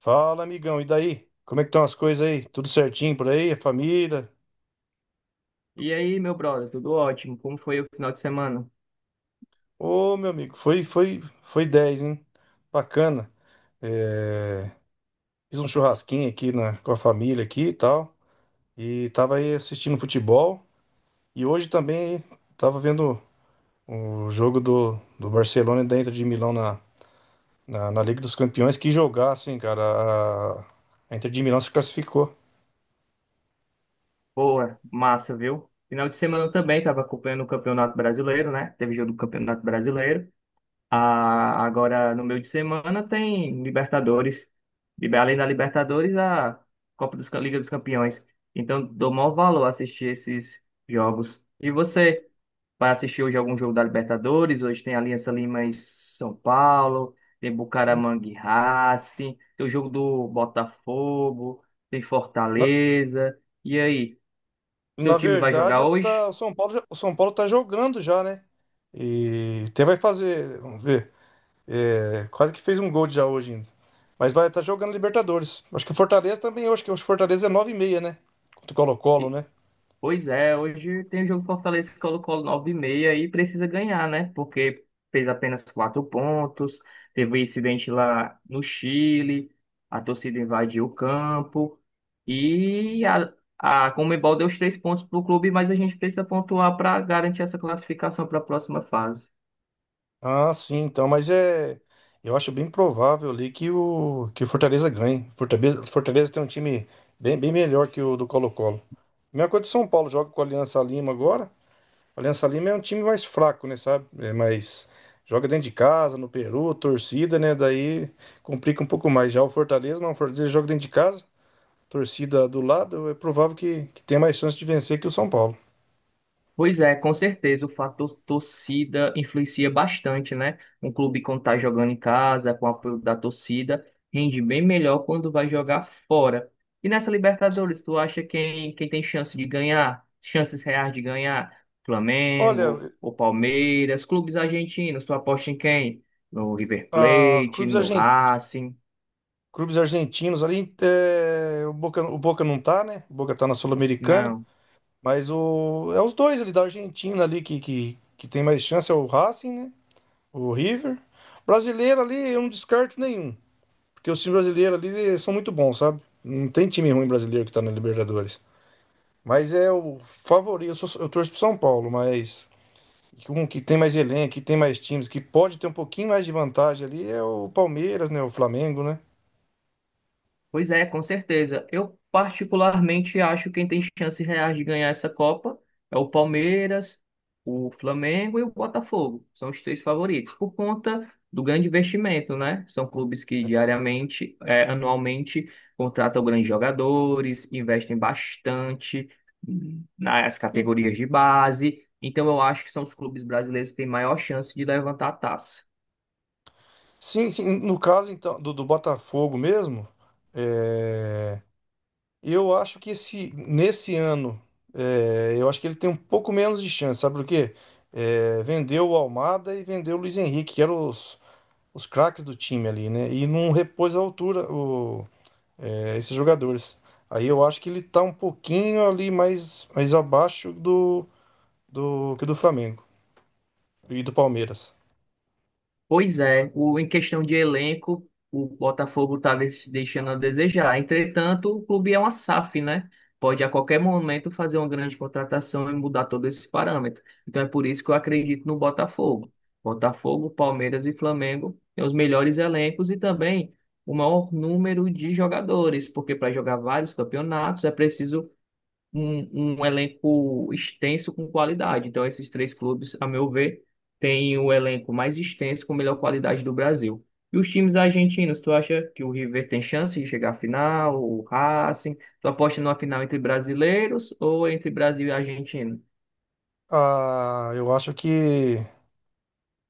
Fala, amigão, e daí? Como é que estão as coisas aí? Tudo certinho por aí? A família? E aí, meu brother, tudo ótimo? Como foi o final de semana? Ô, meu amigo, foi 10, hein? Bacana. É, fiz um churrasquinho aqui com a família aqui e tal. E tava aí assistindo futebol. E hoje também tava vendo o jogo do Barcelona e da Inter de Milão na Liga dos Campeões. Que jogaço, hein, cara? A Inter de Milão se classificou. Boa, massa, viu? Final de semana eu também estava acompanhando o Campeonato Brasileiro, né? Teve jogo do Campeonato Brasileiro. Ah, agora, no meio de semana, tem Libertadores. Além da Libertadores, a Liga dos Campeões. Então, dou maior valor a assistir esses jogos. E você? Vai assistir hoje algum jogo da Libertadores? Hoje tem Aliança Lima e São Paulo. Tem N- Bucaramanga e Racing. Tem o jogo do Botafogo. Tem Fortaleza. E aí, Na seu time vai verdade, jogar eu tá, hoje? o São Paulo, já- o São Paulo tá jogando já, né? E até vai fazer, vamos ver, quase que fez um gol já hoje ainda. Mas vai estar jogando Libertadores. Acho que o Fortaleza também, eu acho que o Fortaleza é nove e meia, né? Contra o Colo-Colo, né? Pois é, hoje tem o jogo Fortaleza e Colo Colo nove e meia e precisa ganhar, né? Porque fez apenas quatro pontos, teve um incidente lá no Chile, a torcida invadiu o campo e a Conmebol deu os três pontos para o clube, mas a gente precisa pontuar para garantir essa classificação para a próxima fase. Ah, sim, então, mas é. Eu acho bem provável ali que o Fortaleza ganhe. Fortaleza, Fortaleza tem um time bem, bem melhor que o do Colo-Colo. Mesma coisa do São Paulo, joga com a Aliança Lima agora. O Aliança Lima é um time mais fraco, né, sabe? É mais joga dentro de casa, no Peru, torcida, né? Daí complica um pouco mais. Já o Fortaleza, não, o Fortaleza joga dentro de casa, torcida do lado, é provável que tenha mais chance de vencer que o São Paulo. Pois é, com certeza o fator torcida influencia bastante, né? Um clube, quando tá jogando em casa, com o apoio da torcida, rende bem melhor quando vai jogar fora. E nessa Libertadores, tu acha quem tem chance de ganhar? Chances reais de ganhar? Olha, Flamengo, o Palmeiras? Clubes argentinos, tu aposta em quem? No River a Plate, clubes, no argen- Racing? clubes argentinos ali, é, o Boca não tá, né? O Boca tá na Sul-Americana, Não. É os dois ali da Argentina ali que tem mais chance, é o Racing, né? O River. Brasileiro ali, eu não descarto nenhum. Porque os times brasileiros ali são muito bons, sabe? Não tem time ruim brasileiro que tá na Libertadores. Mas é o favorito. Eu torço pro São Paulo, mas um que tem mais elenco, que tem mais times, que pode ter um pouquinho mais de vantagem ali é o Palmeiras, né? O Flamengo, né? Pois é, com certeza. Eu particularmente acho que quem tem chances reais de ganhar essa Copa é o Palmeiras, o Flamengo e o Botafogo. São os três favoritos, por conta do grande investimento, né? São clubes que diariamente, anualmente, contratam grandes jogadores, investem bastante nas E, categorias de base. Então, eu acho que são os clubes brasileiros que têm maior chance de levantar a taça. sim, sim, no caso então do Botafogo mesmo, é, eu acho que nesse ano, eu acho que ele tem um pouco menos de chance, sabe por quê? É, vendeu o Almada e vendeu o Luiz Henrique, que eram os craques do time ali, né? E não repôs a altura esses jogadores. Aí eu acho que ele tá um pouquinho ali mais, mais abaixo do que do Flamengo e do Palmeiras. Pois é, em questão de elenco, o Botafogo está deixando a desejar. Entretanto, o clube é uma SAF, né? Pode a qualquer momento fazer uma grande contratação e mudar todo esse parâmetro. Então é por isso que eu acredito no Botafogo. Botafogo, Palmeiras e Flamengo têm os melhores elencos e também o maior número de jogadores, porque para jogar vários campeonatos é preciso um elenco extenso com qualidade. Então, esses três clubes, a meu ver, têm o elenco mais extenso com melhor qualidade do Brasil. E os times argentinos, tu acha que o River tem chance de chegar à final, o Racing? Tu aposta numa final entre brasileiros ou entre Brasil e Argentina? Ah, eu acho que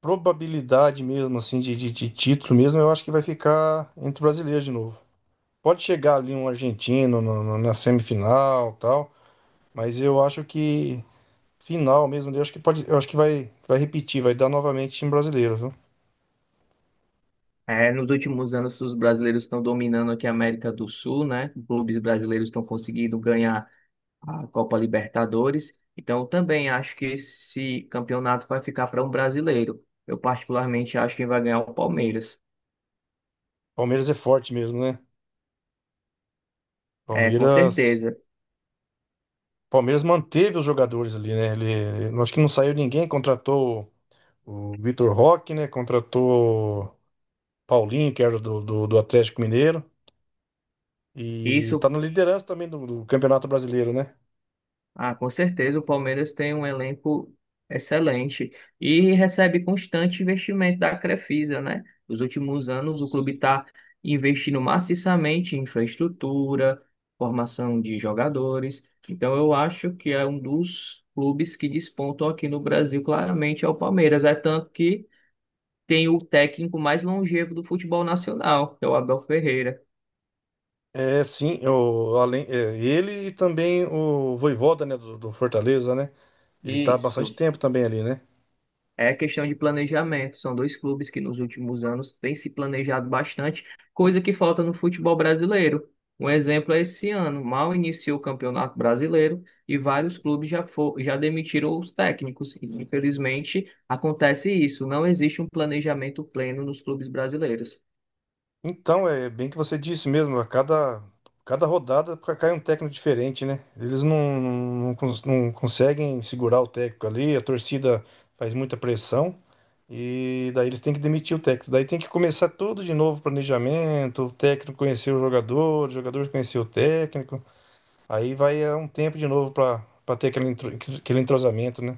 probabilidade mesmo, assim, de título mesmo, eu acho que vai ficar entre brasileiros de novo. Pode chegar ali um argentino na semifinal tal, mas eu acho que final mesmo, eu acho que pode, eu acho que vai repetir, vai dar novamente time brasileiro, viu? É, nos últimos anos, os brasileiros estão dominando aqui a América do Sul, né? Clubes brasileiros estão conseguindo ganhar a Copa Libertadores. Então, eu também acho que esse campeonato vai ficar para um brasileiro. Eu, particularmente, acho que vai ganhar o Palmeiras. Palmeiras é forte mesmo, né? É, com Palmeiras, certeza. Palmeiras manteve os jogadores ali, né? Ele, eu acho que não saiu ninguém, contratou o Vitor Roque, né? Contratou o Paulinho, que era do Atlético Mineiro, e tá Isso. na liderança também do Campeonato Brasileiro, né? Ah, com certeza, o Palmeiras tem um elenco excelente e recebe constante investimento da Crefisa, né? Nos últimos anos, o clube está investindo maciçamente em infraestrutura, formação de jogadores. Então, eu acho que é um dos clubes que despontam aqui no Brasil, claramente, é o Palmeiras. É tanto que tem o técnico mais longevo do futebol nacional, que é o Abel Ferreira. É, sim, além, ele e também o Vojvoda, né? Do Fortaleza, né? Ele tá há bastante Isso. tempo também ali, né? É questão de planejamento. São dois clubes que nos últimos anos têm se planejado bastante, coisa que falta no futebol brasileiro. Um exemplo é esse ano: mal iniciou o Campeonato Brasileiro e vários clubes já demitiram os técnicos. E, infelizmente, acontece isso. Não existe um planejamento pleno nos clubes brasileiros. Então, é bem que você disse mesmo, cada rodada cai um técnico diferente, né? Eles não, não, não conseguem segurar o técnico ali, a torcida faz muita pressão e daí eles têm que demitir o técnico. Daí tem que começar tudo de novo, planejamento, o técnico conhecer o jogador conhecer o técnico. Aí vai um tempo de novo para ter aquele entrosamento, né?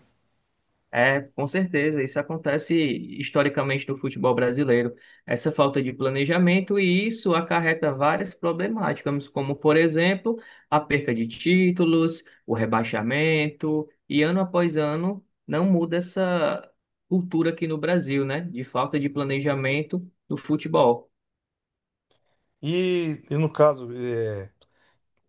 É, com certeza, isso acontece historicamente no futebol brasileiro. Essa falta de planejamento e isso acarreta várias problemáticas, como, por exemplo, a perca de títulos, o rebaixamento, e ano após ano não muda essa cultura aqui no Brasil, né, de falta de planejamento no futebol. E, no caso,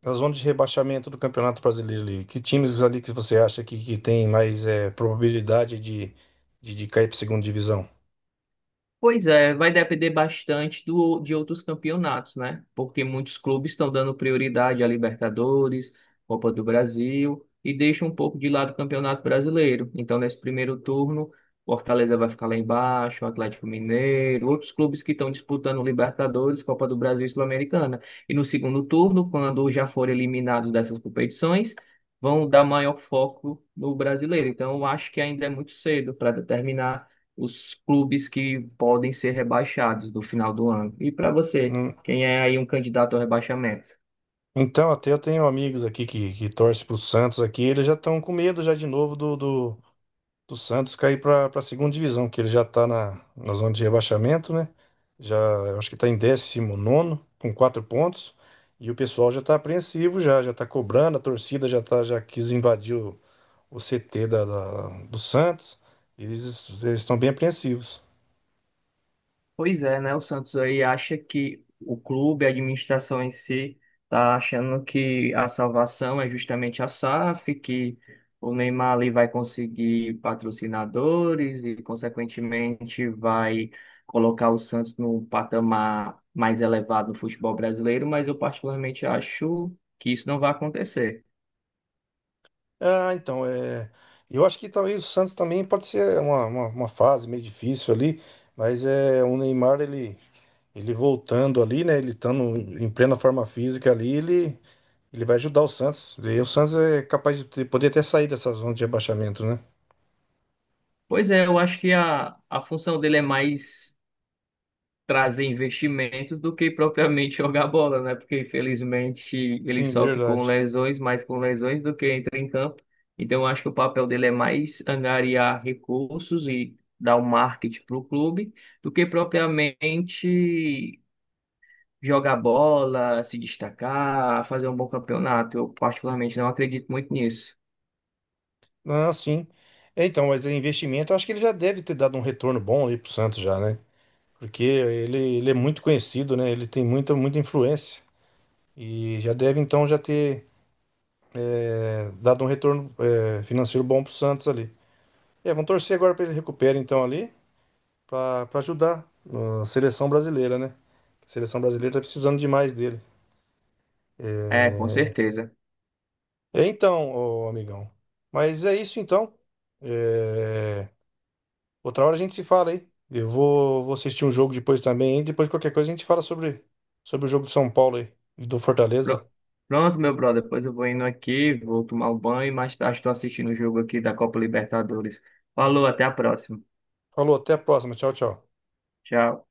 a zona de rebaixamento do Campeonato Brasileiro ali. Que times ali que você acha que tem mais probabilidade de cair para segunda divisão? Pois é, vai depender bastante de outros campeonatos, né? Porque muitos clubes estão dando prioridade a Libertadores, Copa do Brasil e deixam um pouco de lado o Campeonato Brasileiro. Então, nesse primeiro turno, o Fortaleza vai ficar lá embaixo, o Atlético Mineiro, outros clubes que estão disputando Libertadores, Copa do Brasil e Sul-Americana. E no segundo turno, quando já forem eliminados dessas competições, vão dar maior foco no brasileiro. Então, eu acho que ainda é muito cedo para determinar os clubes que podem ser rebaixados no final do ano. E para você, Hum, quem é aí um candidato ao rebaixamento? Então, até eu tenho amigos aqui que torcem pro Santos aqui, eles já estão com medo já de novo do Santos cair para a segunda divisão, que ele já está na zona de rebaixamento, né? Já, eu acho que está em 19º com quatro pontos, e o pessoal já está apreensivo já, já está cobrando, a torcida já, tá, já quis invadir o CT do Santos, eles estão bem apreensivos. Pois é, né? O Santos aí, acha que o clube, a administração em si, tá achando que a salvação é justamente a SAF, que o Neymar ali vai conseguir patrocinadores e, consequentemente, vai colocar o Santos num patamar mais elevado no futebol brasileiro, mas eu particularmente acho que isso não vai acontecer. Ah, então, é, eu acho que talvez o Santos também pode ser uma fase meio difícil ali, mas é o Neymar, ele voltando ali, né? Ele estando em plena forma física ali, ele vai ajudar o Santos. E o Santos é capaz de poder até sair dessa zona de rebaixamento, né? Pois é, eu acho que a função dele é mais trazer investimentos do que propriamente jogar bola, né? Porque infelizmente ele Sim, sofre com verdade. lesões, mais com lesões do que entra em campo. Então eu acho que o papel dele é mais angariar recursos e dar o marketing para o clube do que propriamente jogar bola, se destacar, fazer um bom campeonato. Eu particularmente não acredito muito nisso. Ah, sim. É, então, mas é investimento, eu acho que ele já deve ter dado um retorno bom aí pro Santos já, né? Porque ele é muito conhecido, né? Ele tem muita, muita influência. E já deve, então, já ter dado um retorno financeiro bom pro Santos ali. É, vamos torcer agora para ele recupere, então, ali, para ajudar a seleção brasileira, né? A seleção brasileira tá precisando demais dele. É, com É, certeza. é, então, ô, amigão. Mas é isso, então. É, outra hora a gente se fala aí. Vou assistir um jogo depois também. E depois, qualquer coisa, a gente fala sobre o jogo do São Paulo aí, e do Fortaleza. Pro- Pronto, meu brother. Depois eu vou indo aqui, vou tomar o banho e mais tarde estou assistindo o jogo aqui da Copa Libertadores. Falou, até a próxima. Falou, até a próxima. Tchau, tchau. Tchau.